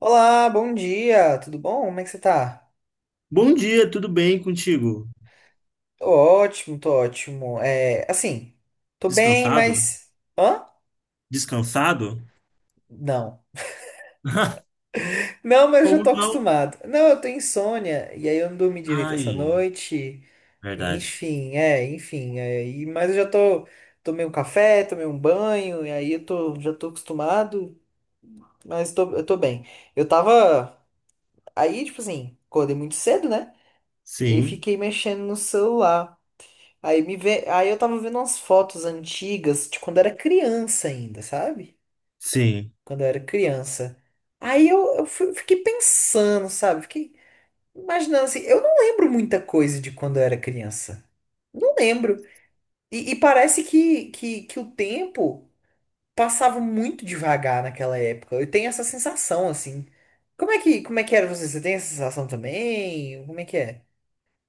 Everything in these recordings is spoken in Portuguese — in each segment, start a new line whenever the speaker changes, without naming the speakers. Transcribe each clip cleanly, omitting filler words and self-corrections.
Olá, bom dia, tudo bom? Como é que você tá?
Bom dia, tudo bem contigo?
Tô ótimo, tô ótimo. É, assim, tô bem,
Descansado?
mas. Hã?
Descansado?
Não. Não, mas eu já
Como
tô
não?
acostumado. Não, eu tô insônia, e aí eu não dormi direito essa
Ai,
noite.
verdade.
Enfim, enfim. Mas eu já tô. Tomei um café, tomei um banho, e aí eu tô, já tô acostumado, mas tô, eu tô bem. Eu tava. Aí, tipo assim, acordei muito cedo, né? E aí
Sim,
fiquei mexendo no celular. Aí me vê, aí eu tava vendo umas fotos antigas de quando era criança ainda, sabe?
sim.
Quando eu era criança. Aí eu fui- Fiquei pensando, sabe? Fiquei imaginando assim, eu não lembro muita coisa de quando eu era criança. Não lembro. E, parece que o tempo passava muito devagar naquela época. Eu tenho essa sensação, assim. Como é que era você? Você tem essa sensação também? Como é que é?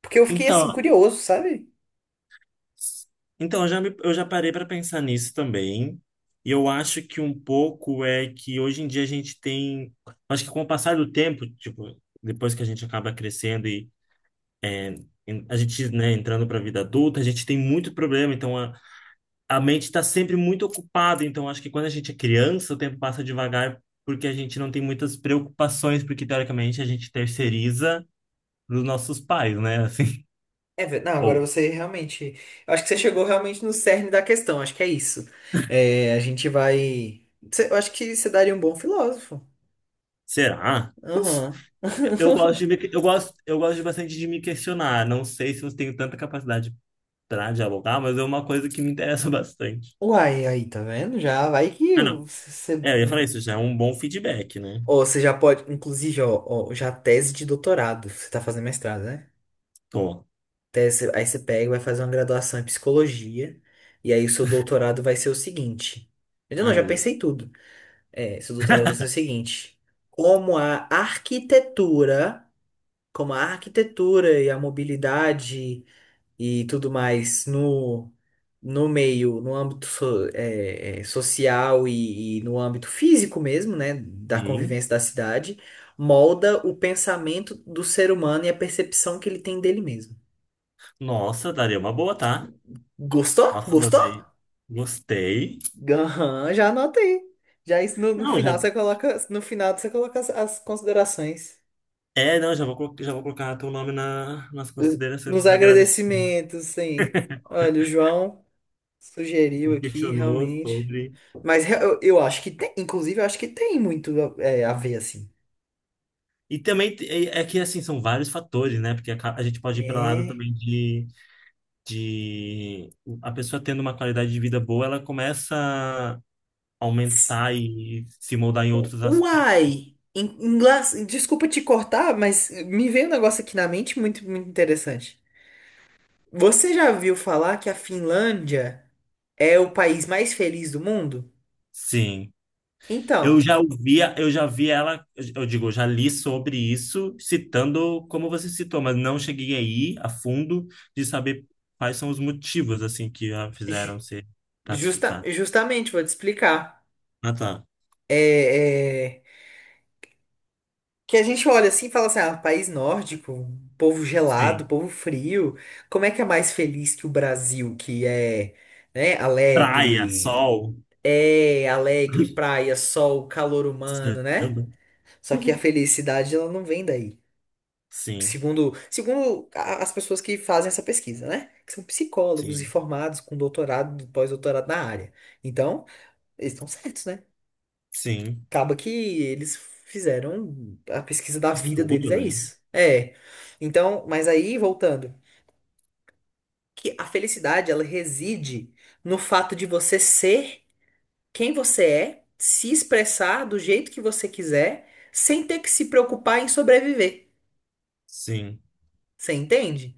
Porque eu fiquei
Então,
assim, curioso, sabe?
então eu já parei para pensar nisso também. E eu acho que um pouco é que hoje em dia a gente tem, acho que com o passar do tempo, tipo, depois que a gente acaba crescendo e a gente, né, entrando para a vida adulta, a gente tem muito problema, então a mente está sempre muito ocupada, então acho que quando a gente é criança, o tempo passa devagar porque a gente não tem muitas preocupações, porque teoricamente a gente terceiriza para os nossos pais, né? Assim,
Não, agora
ou
você realmente. Eu acho que você chegou realmente no cerne da questão, acho que é isso. É, a gente vai. Eu acho que você daria um bom filósofo.
será? Não sei.
Aham.
Eu gosto de me, eu gosto de bastante de me questionar. Não sei se eu tenho tanta capacidade para dialogar, mas é uma coisa que me interessa bastante.
Uai, aí, tá vendo? Já vai
Ah,
que
não.
você.
É, eu ia falar isso, já é um bom feedback, né?
Ou você já pode. Inclusive, ó, ó, já tese de doutorado. Você tá fazendo mestrado, né?
Tô.
Tese, aí você pega e vai fazer uma graduação em psicologia. E aí o seu doutorado vai ser o seguinte. Eu não,
Ai,
já
meu Deus.
pensei tudo. É, seu doutorado vai ser o seguinte: como a arquitetura, como a arquitetura e a mobilidade e tudo mais no, no âmbito social e no âmbito físico mesmo, né, da
Sim.
convivência da cidade, molda o pensamento do ser humano e a percepção que ele tem dele mesmo.
Nossa, daria uma boa, tá?
Gostou?
Nossa,
Gostou?
adorei. Gostei.
Aham, já anotei. Já isso no, no
Não,
final
já
você coloca, no final você coloca as considerações.
é, não, já vou colocar teu nome na, nas considerações
Nos
do agradecimento.
agradecimentos, sim. Olha, o João
Me
sugeriu aqui,
questionou
realmente.
sobre.
Eu acho que tem, inclusive, eu acho que tem muito é, a ver, assim.
E também é, é que, assim, são vários fatores, né? Porque a gente pode ir para lado
É.
também de, de. A pessoa tendo uma qualidade de vida boa, ela começa a aumentar e se moldar em outros aspectos.
Uai! Em inglês, desculpa te cortar, mas me veio um negócio aqui na mente muito, muito interessante. Você já viu falar que a Finlândia é o país mais feliz do mundo?
Sim. Eu
Então,
já ouvia, eu já vi ela, eu digo, eu já li sobre isso, citando como você citou, mas não cheguei aí a fundo de saber quais são os motivos assim que a
ju-
fizeram ser classificada.
justamente, vou te explicar.
Ah, tá.
É. é, Que a gente olha assim e fala assim, ah, país nórdico, povo gelado,
Sim.
povo frio, como é que é mais feliz que o Brasil, que é, né,
Praia,
alegre,
sol.
é alegre, praia, sol, calor humano, né?
Samba.
Só que a felicidade, ela não vem daí.
Sim,
Segundo as pessoas que fazem essa pesquisa, né? Que são psicólogos e
sim,
formados com doutorado, pós-doutorado na área. Então, eles estão certos, né?
sim.
Acaba que eles fizeram a pesquisa da vida deles
Estudo,
é
né?
isso. É. Então, mas aí voltando, que a felicidade ela reside no fato de você ser quem você é, se expressar do jeito que você quiser, sem ter que se preocupar em sobreviver.
Sim,
Você entende?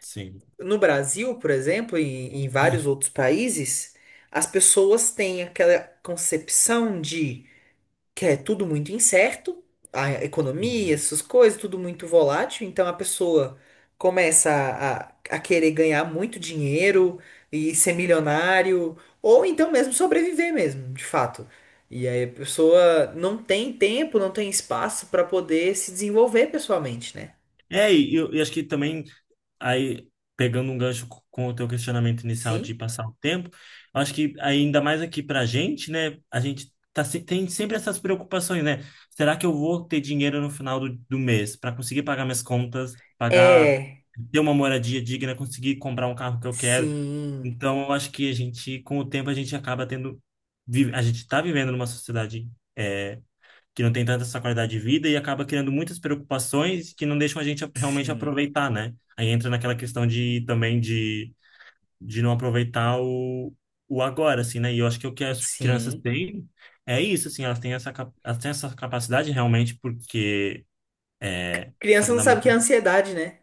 sim,
No Brasil, por exemplo, e em vários outros países, as pessoas têm aquela concepção de que é tudo muito incerto, a economia,
sim.
essas coisas, tudo muito volátil. Então a pessoa começa a querer ganhar muito dinheiro e ser milionário, ou então mesmo sobreviver mesmo, de fato. E aí a pessoa não tem tempo, não tem espaço para poder se desenvolver pessoalmente, né?
É, e eu, e acho que também aí pegando um gancho com o teu questionamento inicial de
Sim.
passar o tempo, eu acho que ainda mais aqui pra gente, né, a gente tá, tem sempre essas preocupações, né? Será que eu vou ter dinheiro no final do, do mês para conseguir pagar minhas contas, pagar,
É.
ter uma moradia digna, conseguir comprar um carro que eu quero?
Sim.
Então, eu acho que a gente, com o tempo, a gente acaba tendo, a gente está vivendo numa sociedade. É, que não tem tanta essa qualidade de vida e acaba criando muitas preocupações que não deixam a gente realmente
Sim.
aproveitar, né? Aí entra naquela questão de também de não aproveitar o agora, assim, né? E eu acho que é o que as crianças
Sim.
têm é isso, assim, elas têm essa, elas têm essa capacidade realmente porque é,
Criança
sabe,
não
dá
sabe o
muito.
que é ansiedade, né?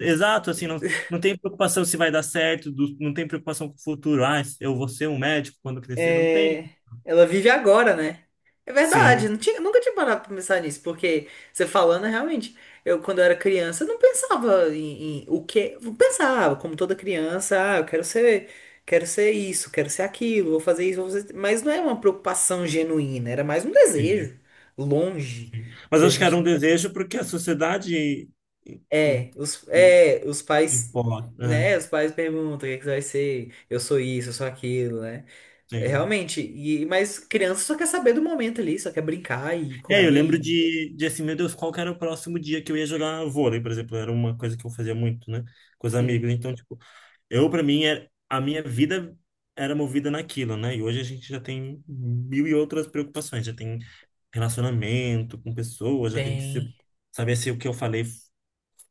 Exato, assim, não, não tem preocupação se vai dar certo, não tem preocupação com o futuro. Ah, eu vou ser um médico quando crescer, não tem.
É, ela vive agora, né? É verdade,
Sim,
nunca tinha parado pra pensar nisso, porque você falando, realmente, eu quando eu era criança, eu não pensava em o que. Eu pensava, como toda criança, ah, eu quero ser isso, quero ser aquilo, vou fazer isso, vou fazer... Mas não é uma preocupação genuína, era mais um
sim.
desejo longe
Sim. Mas
que a
acho que
gente.
era um desejo porque a sociedade im- im-
Os pais,
impõe, né?
né? Os pais perguntam o que é que você vai ser, eu sou isso, eu sou aquilo, né? É,
Sim.
realmente, e, mas criança só quer saber do momento ali, só quer brincar e
É, eu
comer
lembro
e
de assim, meu Deus, qual que era o próximo dia que eu ia jogar vôlei, por exemplo, era uma coisa que eu fazia muito, né, com os amigos.
Sim.
Então, tipo, eu para mim era, a minha vida era movida naquilo, né? E hoje a gente já tem mil e outras preocupações, já tem relacionamento com pessoas, já tem que se,
tem.
saber se o que eu falei,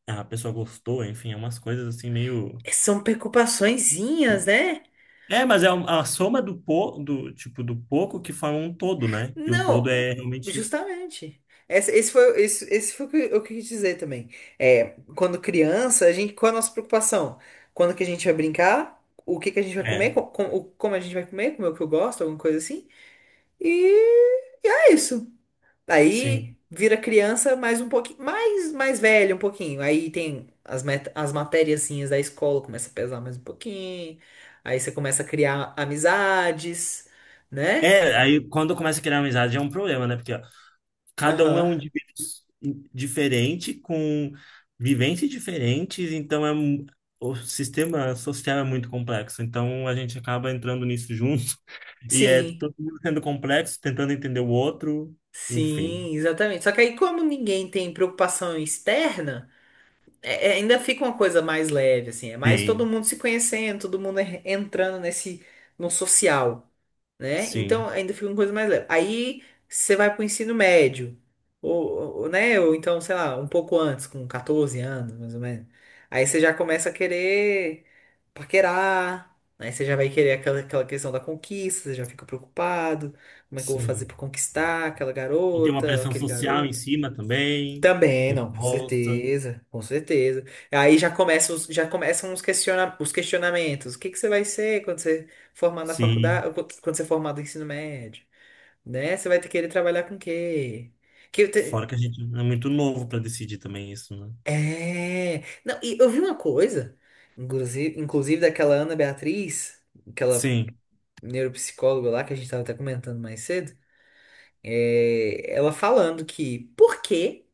ah, a pessoa gostou, enfim, é umas coisas assim meio.
É, são preocupaçõezinhas, né?
É, mas é a soma do, po, do tipo do pouco que forma um todo, né? E o todo
Não,
é realmente isso.
justamente. Esse foi o que eu quis dizer também. É, quando criança, a gente, qual é a nossa preocupação? Quando que a gente vai brincar? O que que a gente vai comer?
É,
Como a gente vai comer? Comer o que eu gosto, alguma coisa assim? E, e é isso. Aí
sim.
vira criança mais um pouquinho, mais velho um pouquinho. Aí tem as matériazinhas da escola, começa a pesar mais um pouquinho. Aí você começa a criar amizades, né?
É, aí quando começa a criar amizade é um problema, né? Porque ó, cada um é um
Aham.
indivíduo diferente, com vivências diferentes, então é o sistema social é muito complexo. Então a gente acaba entrando nisso junto e é
Sim,
todo mundo sendo complexo, tentando entender o outro, enfim.
sim, exatamente. Só que aí, como ninguém tem preocupação externa, ainda fica uma coisa mais leve, assim. É mais todo
Sim,
mundo se conhecendo, todo mundo entrando nesse, no social. Né? Então
sim,
ainda fica uma coisa mais leve. Aí você vai para o ensino médio, ou, né? Ou então, sei lá, um pouco antes, com 14 anos, mais ou menos. Aí você já começa a querer paquerar, aí você já vai querer aquela questão da conquista, você já fica preocupado, como é que eu vou fazer
sim.
para conquistar aquela
E tem uma
garota,
pressão
aquele
social em
garoto?
cima também,
Também, não, com
imposta.
certeza, com certeza. Aí já começam os questionamentos. O que que você vai ser quando você formar na
Sim.
faculdade, quando você formar do ensino médio, né? Você vai ter que querer trabalhar com o quê? Que eu te-
Fora que a gente é muito novo para decidir também isso, né?
É. Não, e eu vi uma coisa, inclusive daquela Ana Beatriz, aquela
Sim,
neuropsicóloga lá que a gente tava até comentando mais cedo, é, ela falando que por quê?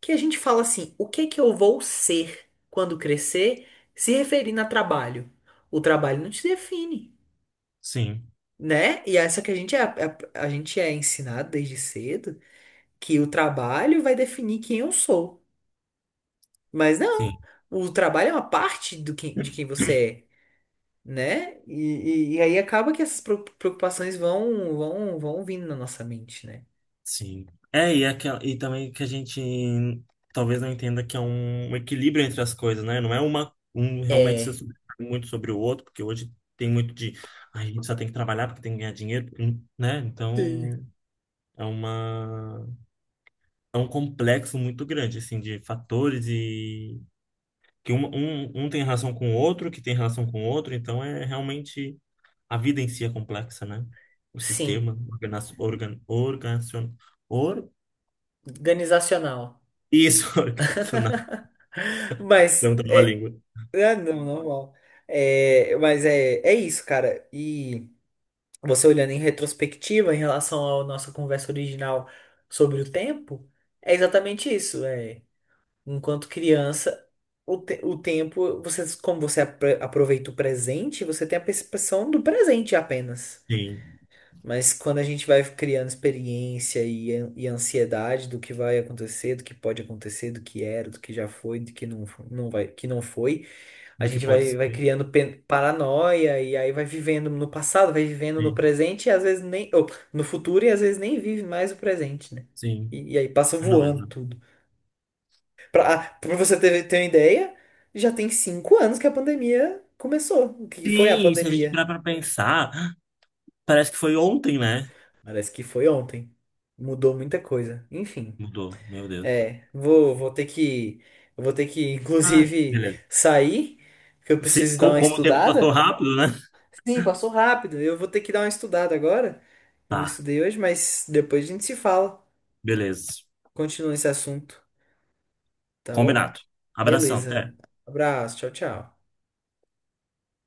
Que a gente fala assim, o que que eu vou ser quando crescer, se referindo a trabalho? O trabalho não te define,
sim,
né? E essa que a gente é ensinado desde cedo que o trabalho vai definir quem eu sou. Mas não,
sim,
o trabalho é uma parte de quem você é. Né? E aí acaba que essas preocupações vão vindo na nossa mente, né?
sim. É, e, é aquela, e também que a gente talvez não entenda que é um, um equilíbrio entre as coisas, né? Não é uma, um realmente ser
É.
muito sobre o outro, porque hoje tem muito de. "Ai, a gente só tem que trabalhar porque tem que ganhar dinheiro, né?
Sim.
Então é uma. É um complexo muito grande, assim, de fatores que um tem relação com o outro, que tem relação com o outro, então é realmente a vida em si é complexa, né? O
Sim,
sistema organizacional. Or,
organizacional.
isso, organizacional.
Mas
Não trava a língua.
Ah, não, normal. É, é isso, cara. E você olhando em retrospectiva em relação à nossa conversa original sobre o tempo, é exatamente isso. É, enquanto criança, o tempo, você, como você aproveita o presente, você tem a percepção do presente apenas.
Sim,
Mas quando a gente vai criando experiência e ansiedade do que vai acontecer, do que pode acontecer, do que era, do que já foi, do que não, fo- não vai, que não foi. A
do que
gente
pode
vai, vai
ser.
criando paranoia e aí vai vivendo no passado, vai vivendo no
Sim,
presente e às vezes nem. Ou, no futuro e às vezes nem vive mais o presente, né?
sim.
E aí passa
Ah, não, mas
voando
não.
tudo. Pra você ter, ter uma ideia, já tem 5 anos que a pandemia começou. O que foi a
Sim, se a gente
pandemia?
parar pra pensar, parece que foi ontem, né?
Parece que foi ontem. Mudou muita coisa. Enfim,
Mudou, meu Deus.
é. Vou ter que. Eu vou ter que,
Ah,
inclusive,
beleza.
sair, porque eu
Se,
preciso dar uma
como o tempo passou
estudada.
rápido, né?
Sim, passou rápido. Eu vou ter que dar uma estudada agora. Eu não
Tá,
estudei hoje, mas depois a gente se fala.
beleza.
Continua esse assunto, tá bom?
Combinado. Abração, até.
Beleza. Abraço, tchau, tchau.